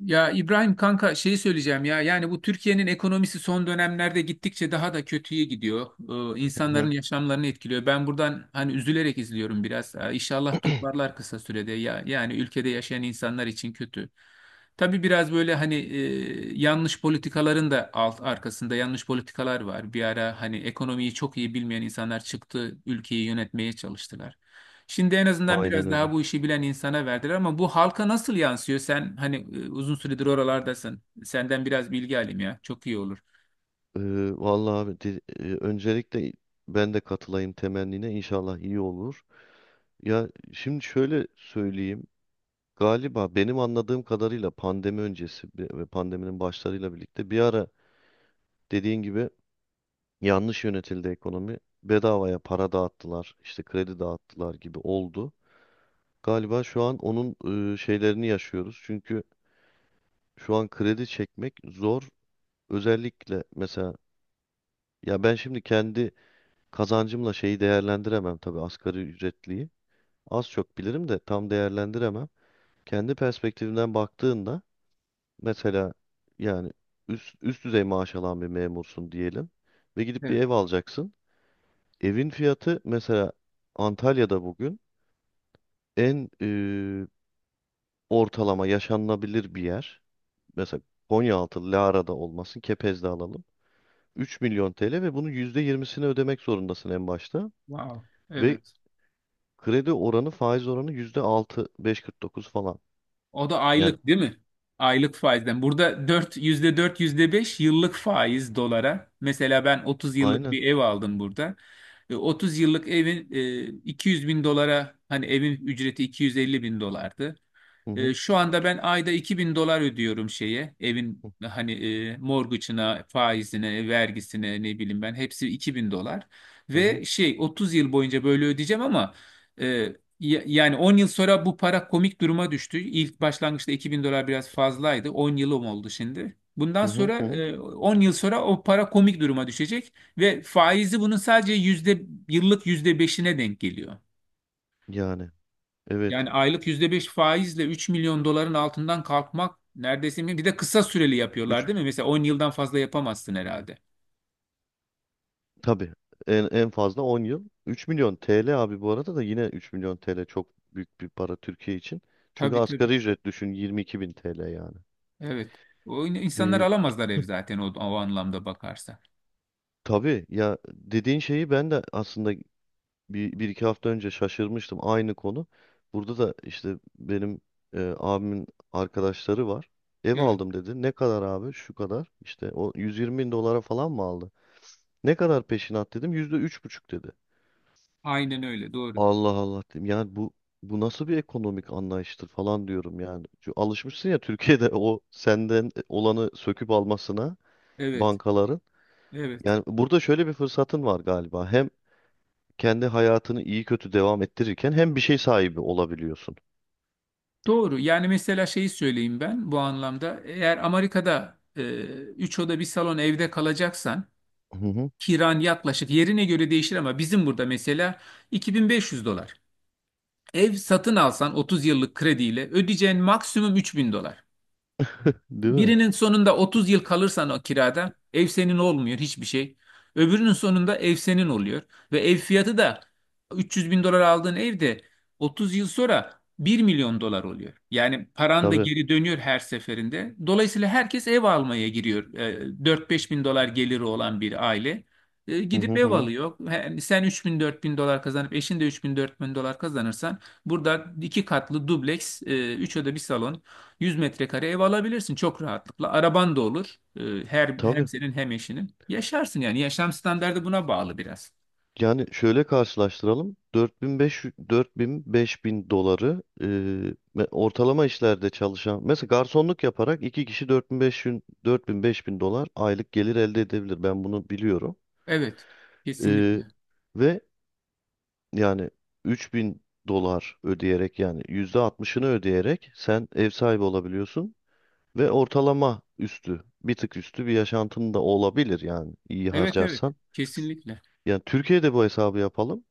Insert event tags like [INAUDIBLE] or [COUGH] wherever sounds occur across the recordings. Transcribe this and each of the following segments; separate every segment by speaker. Speaker 1: Ya İbrahim kanka şeyi söyleyeceğim ya yani bu Türkiye'nin ekonomisi son dönemlerde gittikçe daha da kötüye gidiyor.
Speaker 2: Hı
Speaker 1: İnsanların
Speaker 2: hı.
Speaker 1: yaşamlarını etkiliyor. Ben buradan hani üzülerek izliyorum biraz. İnşallah toparlar kısa sürede ya yani ülkede yaşayan insanlar için kötü. Tabii biraz böyle hani yanlış politikaların da arkasında yanlış politikalar var. Bir ara hani ekonomiyi çok iyi bilmeyen insanlar çıktı ülkeyi yönetmeye çalıştılar. Şimdi en azından
Speaker 2: Aynen
Speaker 1: biraz
Speaker 2: öyle.
Speaker 1: daha bu işi bilen insana verdiler ama bu halka nasıl yansıyor? Sen hani uzun süredir oralardasın. Senden biraz bilgi alayım ya. Çok iyi olur.
Speaker 2: Vallahi abi öncelikle ben de katılayım temennine, inşallah iyi olur. Ya şimdi şöyle söyleyeyim. Galiba benim anladığım kadarıyla pandemi öncesi ve pandeminin başlarıyla birlikte bir ara, dediğin gibi, yanlış yönetildi ekonomi. Bedavaya para dağıttılar, işte kredi dağıttılar gibi oldu. Galiba şu an onun şeylerini yaşıyoruz. Çünkü şu an kredi çekmek zor. Özellikle mesela, ya ben şimdi kendi kazancımla şeyi değerlendiremem, tabii asgari ücretliyi. Az çok bilirim de tam değerlendiremem. Kendi perspektifimden baktığında mesela, yani üst düzey maaş alan bir memursun diyelim ve gidip bir
Speaker 1: Evet.
Speaker 2: ev alacaksın. Evin fiyatı mesela Antalya'da bugün en ortalama yaşanılabilir bir yer. Mesela Konyaaltı, Lara'da olmasın, Kepez'de alalım. 3 milyon TL, ve bunun %20'sini ödemek zorundasın en başta.
Speaker 1: Wow.
Speaker 2: Ve
Speaker 1: Evet.
Speaker 2: kredi oranı, faiz oranı %6, 5,49 falan.
Speaker 1: O da
Speaker 2: Yani
Speaker 1: aylık değil mi? Aylık faizden. Burada %4, %5 yıllık faiz dolara. Mesela ben 30 yıllık
Speaker 2: aynen.
Speaker 1: bir ev aldım burada. 30 yıllık evin 200 bin dolara hani evin ücreti 250 bin dolardı.
Speaker 2: Hı hı,
Speaker 1: Şu anda ben ayda 2.000 dolar ödüyorum şeye evin
Speaker 2: hı
Speaker 1: hani mortgage'ına, faizine, vergisine ne bileyim ben hepsi 2.000 dolar.
Speaker 2: hı,
Speaker 1: Ve şey 30 yıl boyunca böyle ödeyeceğim ama e, yani 10 yıl sonra bu para komik duruma düştü. İlk başlangıçta 2000 dolar biraz fazlaydı. 10 yılım oldu şimdi. Bundan
Speaker 2: hı hı,
Speaker 1: sonra
Speaker 2: hı hı.
Speaker 1: 10 yıl sonra o para komik duruma düşecek ve faizi bunun sadece yıllık yüzde beşine denk geliyor.
Speaker 2: Yani evet.
Speaker 1: Yani aylık %5 faizle 3 milyon doların altından kalkmak neredeyse mümkün. Bir de kısa süreli yapıyorlar
Speaker 2: üç
Speaker 1: değil mi? Mesela 10 yıldan fazla yapamazsın herhalde.
Speaker 2: tabii en fazla 10 yıl. 3 milyon TL abi, bu arada da yine 3 milyon TL çok büyük bir para Türkiye için. Çünkü
Speaker 1: Tabii tabii.
Speaker 2: asgari ücret düşün, 22 bin TL yani.
Speaker 1: Evet. İnsanlar
Speaker 2: Ee,
Speaker 1: alamazlar ev zaten o anlamda bakarsa.
Speaker 2: tabii ya, dediğin şeyi ben de aslında bir iki hafta önce şaşırmıştım, aynı konu. Burada da işte benim abimin arkadaşları var. Ev
Speaker 1: Evet.
Speaker 2: aldım dedi. Ne kadar abi? Şu kadar. İşte o 120 bin dolara falan mı aldı? Ne kadar peşinat dedim. %3,5 dedi.
Speaker 1: Aynen öyle. Doğru.
Speaker 2: Allah Allah dedim. Yani bu nasıl bir ekonomik anlayıştır falan diyorum yani. Çünkü alışmışsın ya Türkiye'de o senden olanı söküp almasına
Speaker 1: Evet.
Speaker 2: bankaların.
Speaker 1: Evet.
Speaker 2: Yani burada şöyle bir fırsatın var galiba. Hem kendi hayatını iyi kötü devam ettirirken hem bir şey sahibi olabiliyorsun.
Speaker 1: Doğru. Yani mesela şeyi söyleyeyim ben bu anlamda. Eğer Amerika'da 3 oda bir salon evde kalacaksan
Speaker 2: Hı hı.
Speaker 1: kiran yaklaşık yerine göre değişir ama bizim burada mesela 2.500 dolar. Ev satın alsan 30 yıllık krediyle ödeyeceğin maksimum 3.000 dolar.
Speaker 2: Değil mi?
Speaker 1: Birinin sonunda 30 yıl kalırsan o kirada ev senin olmuyor hiçbir şey. Öbürünün sonunda ev senin oluyor. Ve ev fiyatı da 300 bin dolar aldığın evde 30 yıl sonra 1 milyon dolar oluyor. Yani paran da
Speaker 2: Tabii.
Speaker 1: geri dönüyor her seferinde. Dolayısıyla herkes ev almaya giriyor. 4-5 bin dolar geliri olan bir aile.
Speaker 2: Hı hı
Speaker 1: Gidip
Speaker 2: hı,
Speaker 1: ev
Speaker 2: hı.
Speaker 1: alıyor. Yani sen 3 bin 4 bin dolar kazanıp eşin de 3 bin 4 bin dolar kazanırsan burada iki katlı dubleks, üç oda bir salon 100 metrekare ev alabilirsin çok rahatlıkla. Araban da olur. Hem
Speaker 2: Tabii.
Speaker 1: senin hem eşinin. Yaşarsın yani. Yaşam standardı buna bağlı biraz.
Speaker 2: Yani şöyle karşılaştıralım. 4500, 4000 bin, beş bin doları ortalama işlerde çalışan, mesela garsonluk yaparak, iki kişi dört bin beş yüz, dört bin, 4000 bin dolar aylık gelir elde edebilir. Ben bunu biliyorum.
Speaker 1: Evet.
Speaker 2: E,
Speaker 1: Kesinlikle.
Speaker 2: ve yani 3 bin dolar ödeyerek, yani %60'ını ödeyerek sen ev sahibi olabiliyorsun ve ortalama üstü, bir tık üstü bir yaşantın da olabilir, yani iyi
Speaker 1: Evet evet.
Speaker 2: harcarsan.
Speaker 1: Kesinlikle.
Speaker 2: Yani Türkiye'de bu hesabı yapalım.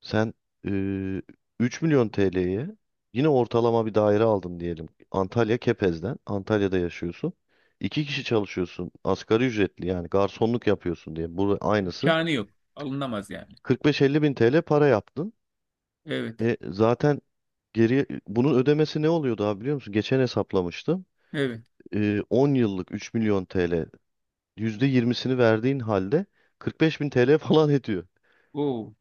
Speaker 2: Sen e, 3 milyon TL'ye yine ortalama bir daire aldın diyelim. Antalya Kepez'den. Antalya'da yaşıyorsun. İki kişi çalışıyorsun. Asgari ücretli, yani garsonluk yapıyorsun diye. Bu aynısı.
Speaker 1: İmkanı yok. Alınamaz yani.
Speaker 2: 45-50 bin TL para yaptın.
Speaker 1: Evet.
Speaker 2: Zaten geri bunun ödemesi ne oluyordu abi, biliyor musun? Geçen hesaplamıştım.
Speaker 1: Evet.
Speaker 2: 10 yıllık 3 milyon TL, %20'sini verdiğin halde 45 bin TL [LAUGHS] falan ediyor.
Speaker 1: Oo.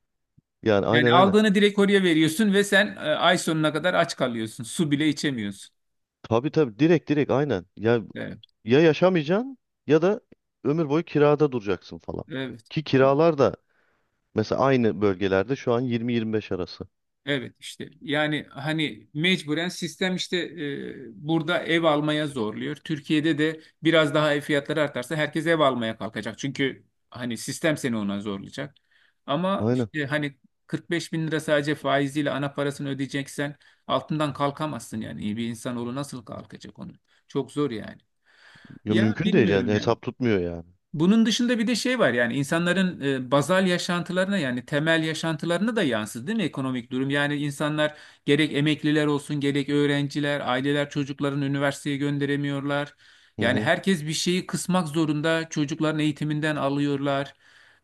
Speaker 2: Yani aynen,
Speaker 1: Yani
Speaker 2: aynen.
Speaker 1: aldığını direkt oraya veriyorsun ve sen ay sonuna kadar aç kalıyorsun. Su bile içemiyorsun.
Speaker 2: Tabii, tabii, direkt, direkt aynen. Ya,
Speaker 1: Evet.
Speaker 2: ya yaşamayacaksın ya da ömür boyu kirada duracaksın falan.
Speaker 1: Evet.
Speaker 2: Ki kiralar da mesela aynı bölgelerde şu an 20-25 arası.
Speaker 1: Evet işte yani hani mecburen sistem işte burada ev almaya zorluyor. Türkiye'de de biraz daha ev fiyatları artarsa herkes ev almaya kalkacak. Çünkü hani sistem seni ona zorlayacak. Ama
Speaker 2: Aynen.
Speaker 1: işte hani 45 bin lira sadece faiziyle ana parasını ödeyeceksen altından kalkamazsın yani. İyi bir insanoğlu nasıl kalkacak onu? Çok zor yani.
Speaker 2: Ya
Speaker 1: Ya
Speaker 2: mümkün değil yani,
Speaker 1: bilmiyorum yani.
Speaker 2: hesap tutmuyor yani.
Speaker 1: Bunun dışında bir de şey var yani insanların bazal yaşantılarına yani temel yaşantılarına da yansıdı değil mi ekonomik durum? Yani insanlar gerek emekliler olsun gerek öğrenciler, aileler çocuklarını üniversiteye gönderemiyorlar.
Speaker 2: Hı
Speaker 1: Yani
Speaker 2: hı.
Speaker 1: herkes bir şeyi kısmak zorunda çocukların eğitiminden alıyorlar.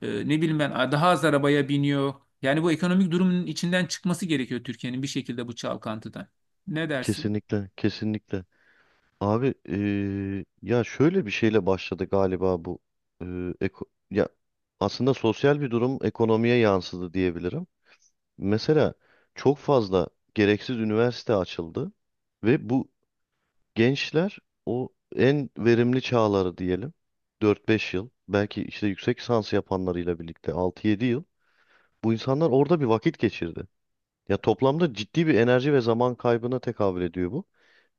Speaker 1: Ne bileyim ben daha az arabaya biniyor. Yani bu ekonomik durumun içinden çıkması gerekiyor Türkiye'nin bir şekilde bu çalkantıdan. Ne dersin?
Speaker 2: Kesinlikle, kesinlikle. Abi ya şöyle bir şeyle başladı galiba bu. eee, eko- Ya aslında sosyal bir durum ekonomiye yansıdı diyebilirim. Mesela çok fazla gereksiz üniversite açıldı ve bu gençler, o en verimli çağları diyelim, 4-5 yıl, belki işte yüksek lisans yapanlarıyla birlikte 6-7 yıl, bu insanlar orada bir vakit geçirdi. Ya toplamda ciddi bir enerji ve zaman kaybına tekabül ediyor bu.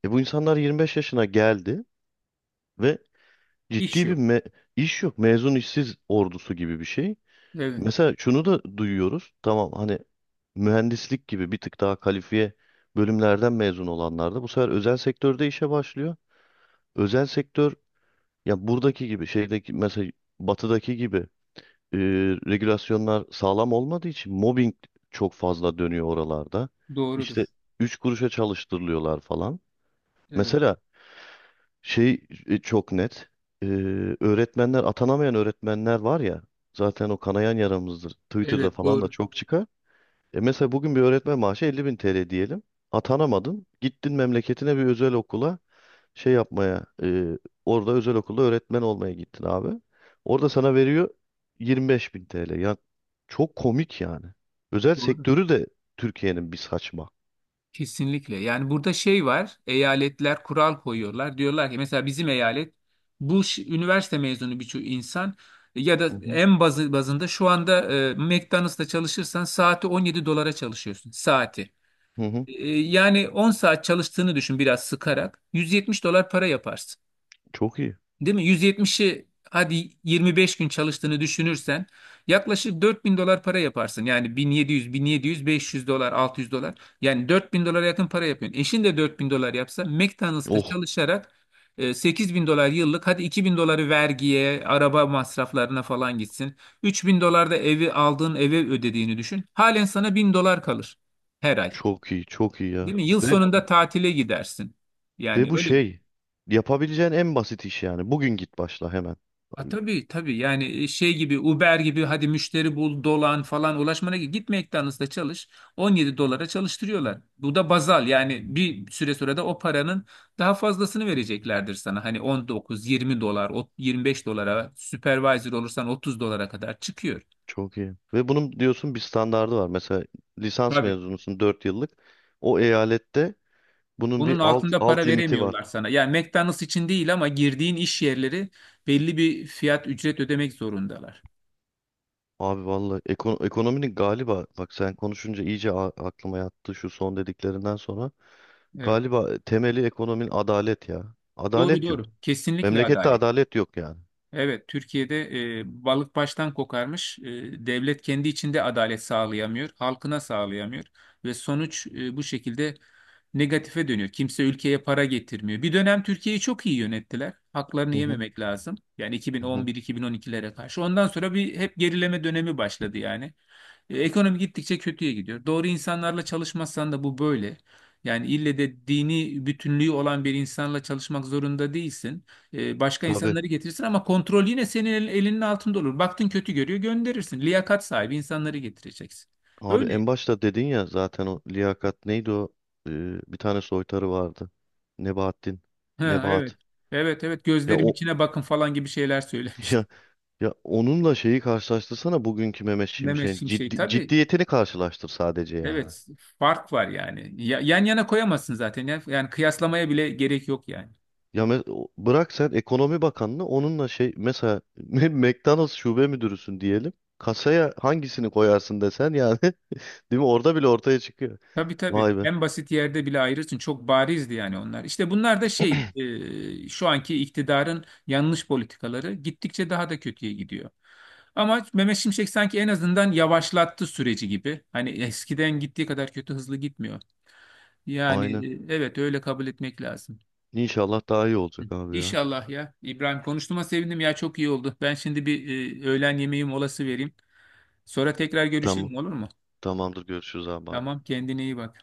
Speaker 2: Bu insanlar 25 yaşına geldi ve
Speaker 1: İş
Speaker 2: ciddi bir
Speaker 1: yok.
Speaker 2: iş yok. Mezun işsiz ordusu gibi bir şey.
Speaker 1: Evet,
Speaker 2: Mesela şunu da duyuyoruz. Tamam, hani mühendislik gibi bir tık daha kalifiye bölümlerden mezun olanlar da bu sefer özel sektörde işe başlıyor. Özel sektör, ya buradaki gibi şeydeki mesela, batıdaki gibi e, regülasyonlar sağlam olmadığı için mobbing çok fazla dönüyor oralarda. İşte
Speaker 1: doğrudur.
Speaker 2: 3 kuruşa çalıştırılıyorlar falan.
Speaker 1: Evet,
Speaker 2: Mesela şey, çok net. E, öğretmenler Atanamayan öğretmenler var ya, zaten o kanayan yaramızdır. Twitter'da
Speaker 1: evet
Speaker 2: falan da
Speaker 1: doğru.
Speaker 2: çok çıkar. Mesela bugün bir öğretmen maaşı 50 bin TL diyelim. Atanamadın. Gittin memleketine bir özel okula şey yapmaya, orada özel okulda öğretmen olmaya gittin abi. Orada sana veriyor 25 bin TL. Ya çok komik yani. Özel
Speaker 1: Doğru.
Speaker 2: sektörü de Türkiye'nin bir saçma.
Speaker 1: Kesinlikle. Yani burada şey var, eyaletler kural koyuyorlar. Diyorlar ki mesela bizim eyalet üniversite mezunu birçok insan ya
Speaker 2: Hı
Speaker 1: da
Speaker 2: hı.
Speaker 1: en bazı bazında şu anda McDonald's'ta çalışırsan saati 17 dolara çalışıyorsun saati.
Speaker 2: Hı hı.
Speaker 1: Yani 10 saat çalıştığını düşün biraz sıkarak 170 dolar para yaparsın.
Speaker 2: Çok iyi.
Speaker 1: Değil mi? 170'ı hadi 25 gün çalıştığını düşünürsen yaklaşık 4 bin dolar para yaparsın. Yani 1700, 1700, 500 dolar, 600 dolar. Yani 4 bin dolara yakın para yapıyorsun. Eşin de 4 bin dolar yapsa McDonald's'ta
Speaker 2: Oh,
Speaker 1: çalışarak 8 bin dolar yıllık hadi 2 bin doları vergiye, araba masraflarına falan gitsin. 3 bin dolar da evi aldığın eve ödediğini düşün. Halen sana 1.000 dolar kalır her ay.
Speaker 2: çok iyi, çok iyi ya.
Speaker 1: Değil mi? Yıl
Speaker 2: Ve,
Speaker 1: sonunda tatile gidersin.
Speaker 2: ve
Speaker 1: Yani
Speaker 2: bu
Speaker 1: öyle.
Speaker 2: şey, yapabileceğin en basit iş yani. Bugün git başla hemen.
Speaker 1: Ha, tabii tabii yani şey gibi Uber gibi hadi müşteri bul dolan falan ulaşmana git McDonald's'ta çalış 17 dolara çalıştırıyorlar. Bu da bazal yani bir süre sonra da o paranın daha fazlasını vereceklerdir sana. Hani 19 20 dolar 25 dolara supervisor olursan 30 dolara kadar çıkıyor.
Speaker 2: Çok iyi. Ve bunun diyorsun bir standardı var. Mesela lisans
Speaker 1: Tabii.
Speaker 2: mezunusun, 4 yıllık. O eyalette bunun bir
Speaker 1: Bunun
Speaker 2: alt,
Speaker 1: altında para
Speaker 2: alt limiti var.
Speaker 1: veremiyorlar sana. Yani McDonald's için değil ama girdiğin iş yerleri belli bir fiyat ücret ödemek zorundalar.
Speaker 2: Abi vallahi ekonominin, galiba bak, sen konuşunca iyice aklıma yattı şu son dediklerinden sonra.
Speaker 1: Evet.
Speaker 2: Galiba temeli ekonominin adalet ya.
Speaker 1: Doğru
Speaker 2: Adalet yok.
Speaker 1: doğru. Kesinlikle
Speaker 2: Memlekette
Speaker 1: adalet.
Speaker 2: adalet yok yani.
Speaker 1: Evet, Türkiye'de balık baştan kokarmış. Devlet kendi içinde adalet sağlayamıyor, halkına sağlayamıyor ve sonuç bu şekilde negatife dönüyor. Kimse ülkeye para getirmiyor. Bir dönem Türkiye'yi çok iyi yönettiler. Haklarını
Speaker 2: Hı hı,
Speaker 1: yememek lazım. Yani
Speaker 2: hı hı.
Speaker 1: 2011-2012'lere karşı. Ondan sonra bir hep gerileme dönemi başladı yani. Ekonomi gittikçe kötüye gidiyor. Doğru insanlarla çalışmazsan da bu böyle. Yani ille de dini bütünlüğü olan bir insanla çalışmak zorunda değilsin. Başka
Speaker 2: Tabii.
Speaker 1: insanları getirirsin ama kontrol yine senin elinin altında olur. Baktın kötü görüyor gönderirsin. Liyakat sahibi insanları getireceksin.
Speaker 2: Abi
Speaker 1: Öyle.
Speaker 2: en başta dedin ya zaten, o liyakat neydi o? Ee, Bir tane soytarı vardı. Nebahattin.
Speaker 1: Ha, evet.
Speaker 2: Nebahat.
Speaker 1: Evet evet,
Speaker 2: Ya
Speaker 1: gözlerim
Speaker 2: o
Speaker 1: içine bakın falan gibi şeyler
Speaker 2: [LAUGHS]
Speaker 1: söylemişti.
Speaker 2: ya, ya onunla şeyi karşılaştırsana, bugünkü Mehmet
Speaker 1: [LAUGHS] Mehmet
Speaker 2: Şimşek'in
Speaker 1: Şimşek tabii.
Speaker 2: ciddiyetini karşılaştır sadece yani.
Speaker 1: Evet, fark var yani. Yan yana koyamazsın zaten. Yani kıyaslamaya bile gerek yok yani.
Speaker 2: Ya bırak sen ekonomi bakanını, onunla şey, mesela [LAUGHS] McDonald's şube müdürüsün diyelim. Kasaya hangisini koyarsın desen yani [LAUGHS] değil mi? Orada bile ortaya çıkıyor.
Speaker 1: Tabii tabii.
Speaker 2: Vay be.
Speaker 1: En basit yerde bile ayrılsın. Çok barizdi yani onlar. İşte bunlar da şey, şu anki iktidarın yanlış politikaları gittikçe daha da kötüye gidiyor. Ama Mehmet Şimşek sanki en azından yavaşlattı süreci gibi. Hani eskiden gittiği kadar kötü hızlı gitmiyor. Yani
Speaker 2: Aynen.
Speaker 1: evet öyle kabul etmek lazım.
Speaker 2: İnşallah daha iyi
Speaker 1: Hı.
Speaker 2: olacak abi ya.
Speaker 1: İnşallah ya. İbrahim, konuştuğuma sevindim ya, çok iyi oldu. Ben şimdi bir öğlen yemeği molası vereyim. Sonra tekrar
Speaker 2: Tamam.
Speaker 1: görüşelim, olur mu?
Speaker 2: Tamamdır, görüşürüz abi, bay bay.
Speaker 1: Tamam, kendine iyi bak.